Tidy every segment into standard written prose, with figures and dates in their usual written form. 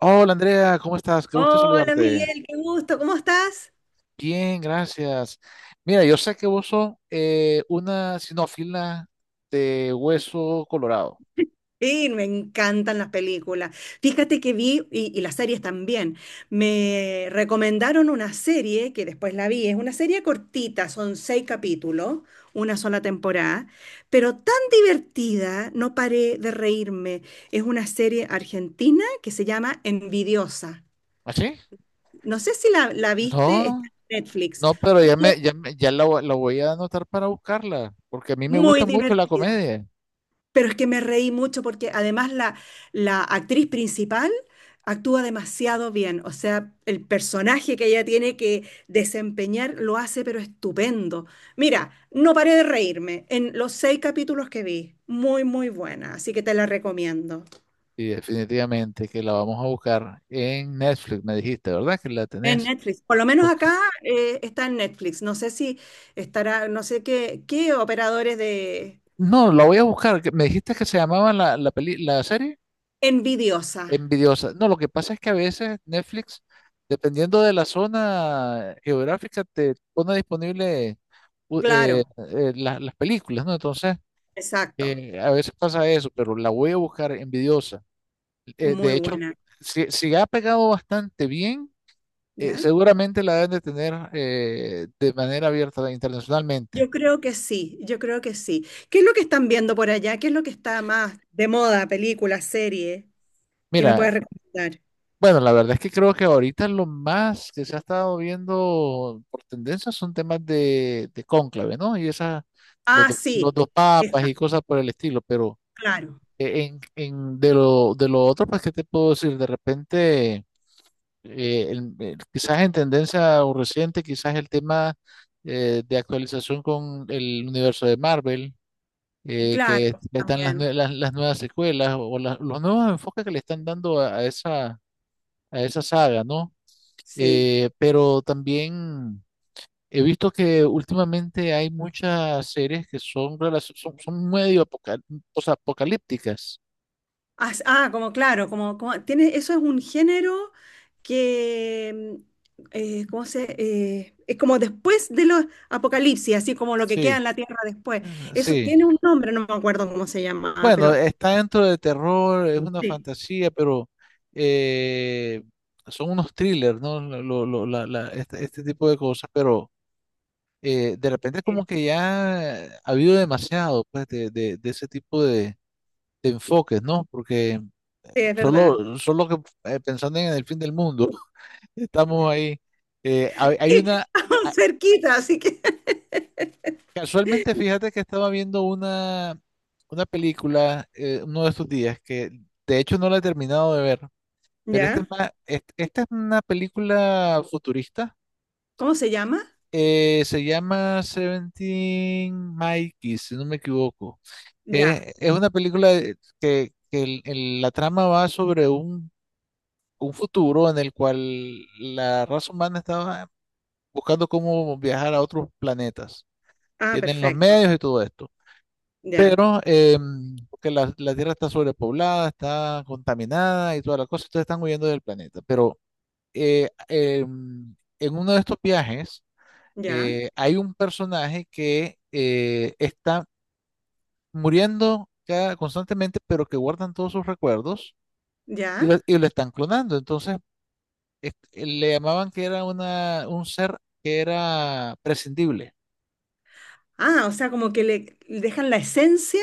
Hola Andrea, ¿cómo estás? Qué gusto Hola saludarte. Miguel, qué gusto, ¿cómo estás? Bien, gracias. Mira, yo sé que vos sos una sinófila de hueso colorado. Sí, me encantan las películas. Fíjate que vi, y las series también, me recomendaron una serie que después la vi, es una serie cortita, son seis capítulos, una sola temporada, pero tan divertida, no paré de reírme. Es una serie argentina que se llama Envidiosa. ¿Así? No sé si la viste, está No, en Netflix. no, pero Muy, la voy a anotar para buscarla, porque a mí me gusta muy mucho la divertida. comedia. Pero es que me reí mucho porque además la actriz principal actúa demasiado bien. O sea, el personaje que ella tiene que desempeñar lo hace, pero estupendo. Mira, no paré de reírme en los seis capítulos que vi. Muy, muy buena. Así que te la recomiendo. Y definitivamente que la vamos a buscar en Netflix, me dijiste, ¿verdad? Que la En tenés. Netflix. Por lo menos Ok. acá está en Netflix. No sé si estará, no sé qué operadores de No, la voy a buscar. Me dijiste que se llamaba la serie. Envidiosa. Envidiosa. No, lo que pasa es que a veces Netflix, dependiendo de la zona geográfica, te pone disponible Claro, las películas, ¿no? Entonces, exacto. A veces pasa eso, pero la voy a buscar envidiosa. Eh, de Muy hecho, buena. Si ha pegado bastante bien, ¿Ya? seguramente la deben de tener de manera abierta internacionalmente. Yo creo que sí, yo creo que sí. ¿Qué es lo que están viendo por allá? ¿Qué es lo que está más de moda, película, serie, que me Mira, puedes recomendar? bueno, la verdad es que creo que ahorita lo más que se ha estado viendo por tendencia son temas de cónclave, ¿no? Y esas, Ah, sí, los dos papas esa, y cosas por el estilo, pero claro, de de lo otro, pues, ¿qué te puedo decir? De repente, quizás en tendencia o reciente, quizás el tema de actualización con el universo de Marvel, que claro, están también, las nuevas secuelas o los nuevos enfoques que le están dando a esa, a esa saga, ¿no? sí. Pero también he visto que últimamente hay muchas series que son, son medio apocalípticas. Como claro, como tiene, eso es un género que, ¿cómo se? Es como después de los apocalipsis, así como lo que queda Sí, en la tierra después. eh, Eso sí. tiene un nombre, no me acuerdo cómo se llama, Bueno, pero está dentro de terror, es una sí, fantasía, pero eh, son unos thrillers, ¿no? Este tipo de cosas, pero de repente sí, como que ya ha habido demasiado, pues, de ese tipo de enfoques, ¿no? Porque es verdad. solo, solo que pensando en el fin del mundo, estamos ahí. Hay una, Aún ah, cerquita, así que. casualmente fíjate que estaba viendo una película uno de estos días, que de hecho no la he terminado de ver, pero ¿Ya? Esta es una película futurista, ¿Cómo se llama? Se llama Seventeen Mikey, si no me equivoco. Ya. Es una película que la trama va sobre un futuro en el cual la raza humana estaba buscando cómo viajar a otros planetas. Ah, Tienen los perfecto. medios y todo esto. Ya, Pero porque la Tierra está sobrepoblada, está contaminada y toda la cosa, entonces están huyendo del planeta. Pero en uno de estos viajes ya, hay un personaje que está muriendo constantemente, pero que guardan todos sus recuerdos y ya. Lo están clonando. Entonces le llamaban que era un ser que era prescindible. Ah, o sea, como que le dejan la esencia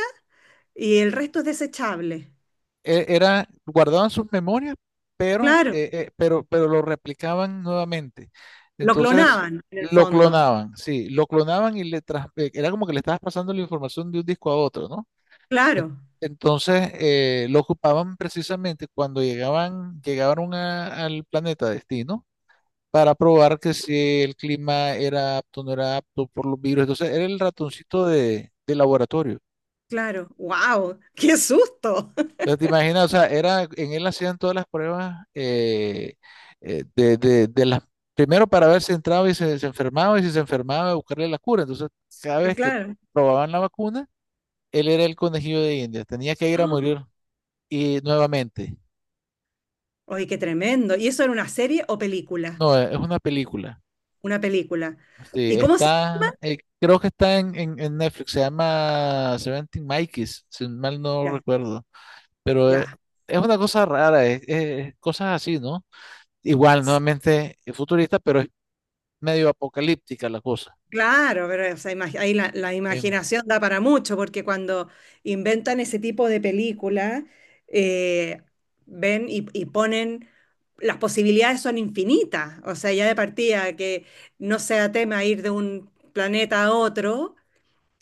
y el resto es desechable. Era, guardaban sus memorias, pero, Claro, pero lo replicaban nuevamente. lo Entonces, clonaban en el lo fondo. clonaban, sí, lo clonaban y era como que le estabas pasando la información de un disco a otro, ¿no? En- Claro, Entonces, lo ocupaban precisamente cuando llegaron al planeta destino para probar que si el clima era apto o no era apto por los virus. Entonces, era el ratoncito de laboratorio. claro. ¡Wow! ¡Qué susto! Pero te imaginas, o sea, era, en él hacían todas las pruebas de las, primero para ver si entraba y se enfermaba, y si se enfermaba, buscarle la cura. Entonces, cada Y vez que claro. probaban la vacuna, él era el conejillo de India, tenía que ir a morir y nuevamente. Oye, qué tremendo. ¿Y eso era una serie o película? No, es una película. Una película. ¿Y Sí, cómo se? está, creo que está en Netflix, se llama Seventeen Mikeys, si mal no Ya, recuerdo. Pero ya. es una cosa rara, cosas así, ¿no? Igual, nuevamente es futurista, pero es medio apocalíptica la cosa. Claro, pero o sea, ahí la Em, imaginación da para mucho, porque cuando inventan ese tipo de película, eh, ven y ponen, las posibilidades son infinitas, o sea, ya de partida que no sea tema ir de un planeta a otro,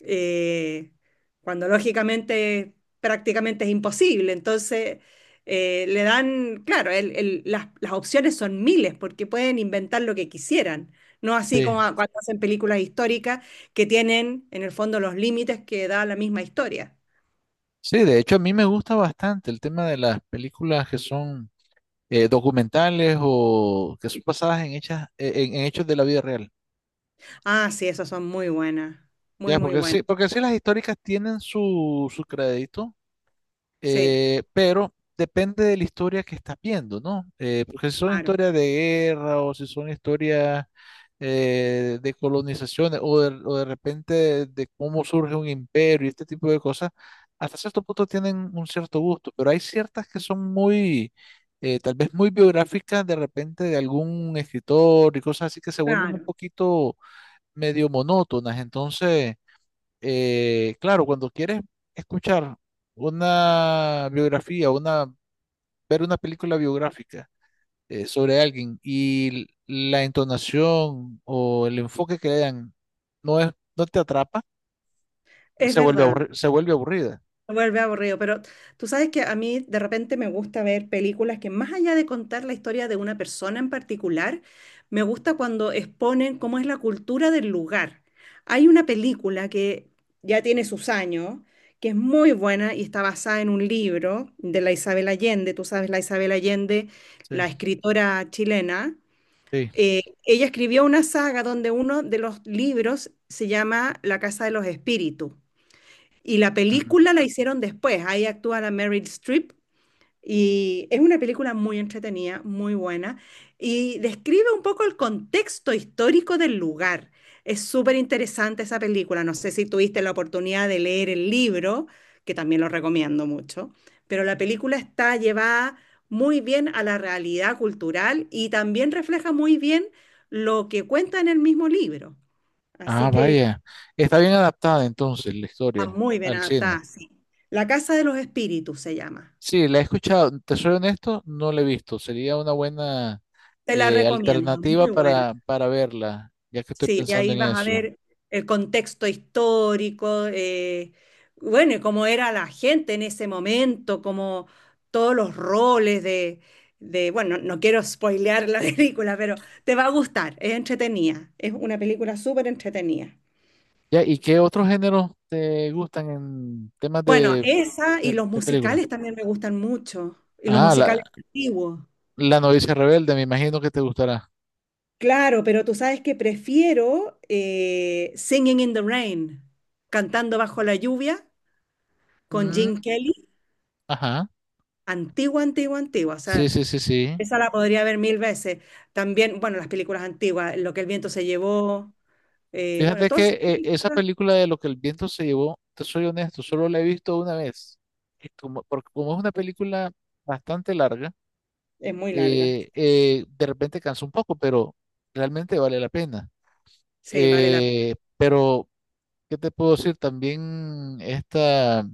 eh, cuando lógicamente prácticamente es imposible. Entonces, le dan, claro, las opciones son miles porque pueden inventar lo que quisieran. No así sí, como cuando hacen películas históricas que tienen en el fondo los límites que da la misma historia. sí, de hecho a mí me gusta bastante el tema de las películas que son documentales o que son basadas en, en hechos de la vida real. Ah, sí, esas son muy buenas, muy, Ya, muy buenas. Porque sí las históricas tienen su, su crédito. Sí, Pero depende de la historia que estás viendo, ¿no? Porque si son claro, historias de guerra o si son historias de colonizaciones o de repente de cómo surge un imperio y este tipo de cosas, hasta cierto punto tienen un cierto gusto, pero hay ciertas que son muy, tal vez muy biográficas de repente de algún escritor y cosas así que se vuelven un claro, poquito medio monótonas, entonces claro, cuando quieres escuchar una biografía, una, ver una película biográfica sobre alguien y la entonación o el enfoque que le dan no te atrapa, es verdad. Se vuelve aburrida. Se vuelve aburrido, pero tú sabes que a mí de repente me gusta ver películas que más allá de contar la historia de una persona en particular, me gusta cuando exponen cómo es la cultura del lugar. Hay una película que ya tiene sus años, que es muy buena y está basada en un libro de la Isabel Allende. Tú sabes, la Isabel Allende, Sí, la escritora chilena. sí. Ella escribió una saga donde uno de los libros se llama La Casa de los Espíritus. Y la Ujú. película la hicieron después, ahí actúa la Meryl Streep y es una película muy entretenida, muy buena y describe un poco el contexto histórico del lugar. Es súper interesante esa película, no sé si tuviste la oportunidad de leer el libro, que también lo recomiendo mucho, pero la película está llevada muy bien a la realidad cultural y también refleja muy bien lo que cuenta en el mismo libro. Así Ah, que vaya. Está bien adaptada entonces la Está historia muy bien al cine. adaptada, sí. La Casa de los Espíritus se llama. Sí, la he escuchado, te soy honesto, no la he visto. Sería una buena Te la recomiendo, alternativa muy buena. Para verla, ya que estoy Sí, y pensando ahí en vas a eso. ver el contexto histórico, bueno, y cómo era la gente en ese momento, como todos los roles bueno, no quiero spoilear la película, pero te va a gustar, es entretenida, es una película súper entretenida. Ya, ¿y qué otros géneros te gustan en temas Bueno, esa y los de película? musicales también me gustan mucho, y los Ah, la, musicales antiguos. la novicia rebelde, me imagino que te gustará. Claro, pero tú sabes que prefiero Singing in the Rain, cantando bajo la lluvia con Mm, Gene Kelly, ajá, antigua, antigua, antigua. O sí, sea, sí, sí, sí. esa la podría ver mil veces. También, bueno, las películas antiguas, Lo que el viento se llevó, bueno, Fíjate todas que esas esa películas película de lo que el viento se llevó, te soy honesto, solo la he visto una vez. Y como, porque como es una película bastante larga, es muy larga. De repente cansa un poco, pero realmente vale la pena. Sí, vale la pena. Pero, ¿qué te puedo decir? También esta...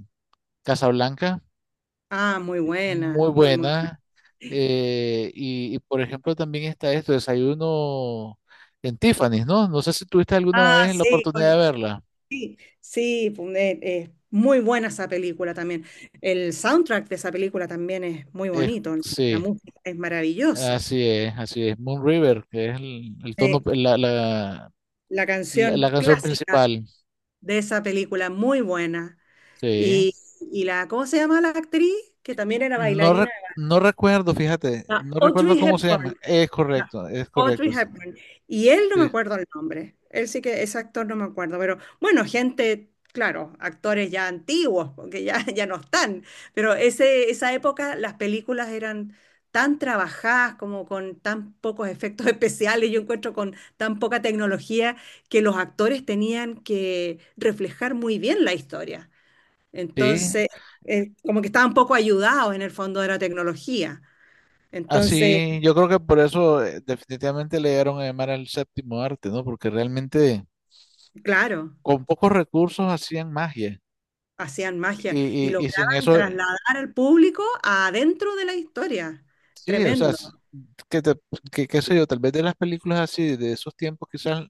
Casablanca Ah, muy buena, muy muy, muy buena. buena. Eh, y, por ejemplo también está esto, desayuno en Tiffany's, ¿no? No sé si tuviste alguna Ah, vez la sí, oportunidad de con, verla. sí, muy buena esa película también. El soundtrack de esa película también es muy Es- bonito. La sí, música es maravillosa. así es, así es. Moon River, que es el tono, Sí, la, la canción la canción clásica principal. de esa película, muy buena. Sí. Y, y la, ¿cómo se llama la actriz? Que también era No, bailarina. no recuerdo, fíjate, La no recuerdo Audrey cómo se llama. Hepburn. No, Es Audrey correcto, sí. Hepburn. Y él no me Sí. acuerdo el nombre. Él sí que ese actor no me acuerdo, pero bueno, gente, claro, actores ya antiguos, porque ya, ya no están, pero ese, esa época las películas eran tan trabajadas como con tan pocos efectos especiales, yo encuentro con tan poca tecnología que los actores tenían que reflejar muy bien la historia. Sí, Entonces, como que estaban poco ayudados en el fondo de la tecnología. Entonces, así, yo creo que por eso definitivamente le dieron a llamar al séptimo arte, ¿no? Porque realmente... claro, con pocos recursos hacían magia. hacían magia y Y sin lograban eso, trasladar al público adentro de la historia. sí, o sea, Tremendo. Que, te- qué sé yo, tal vez de las películas así, de esos tiempos, quizás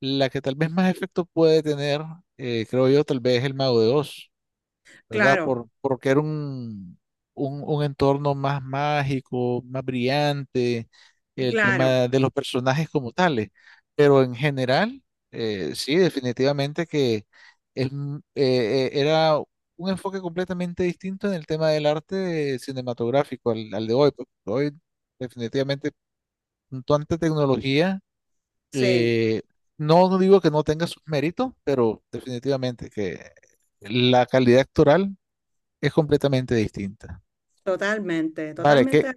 la que tal vez más efecto puede tener, creo yo, tal vez El Mago de Oz. ¿Verdad? Claro, Por, porque era un entorno más mágico, más brillante, el claro, tema de los personajes como tales. Pero en general, sí, definitivamente que es era un enfoque completamente distinto en el tema del arte cinematográfico al, al de hoy. Porque hoy, definitivamente, con tanta tecnología, sí, eh, no no digo que no tenga sus méritos, pero definitivamente que la calidad actoral es completamente distinta. totalmente, Vale, qué, totalmente.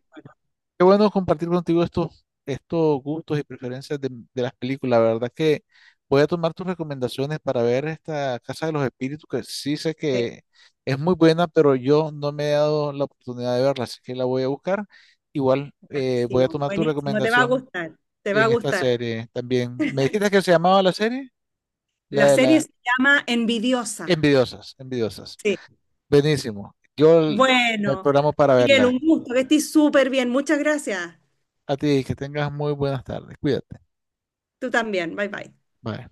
qué bueno compartir contigo estos, estos gustos y preferencias de las películas. La verdad que voy a tomar tus recomendaciones para ver esta Casa de los Espíritus, que sí sé Sí, que es muy buena, pero yo no me he dado la oportunidad de verla, así que la voy a buscar. Igual voy a buenísimo, tomar tu buenísimo, te va a recomendación gustar, te va a en esta gustar. serie también. ¿Me dijiste que se llamaba la serie? La La de serie la se llama Envidiosa. Envidiosas, Envidiosas. Sí. Buenísimo. Me Bueno, programo para Miguel, verla. un gusto, que estés súper bien. Muchas gracias. A ti, que tengas muy buenas tardes. Cuídate. Tú también. Bye bye. Bye.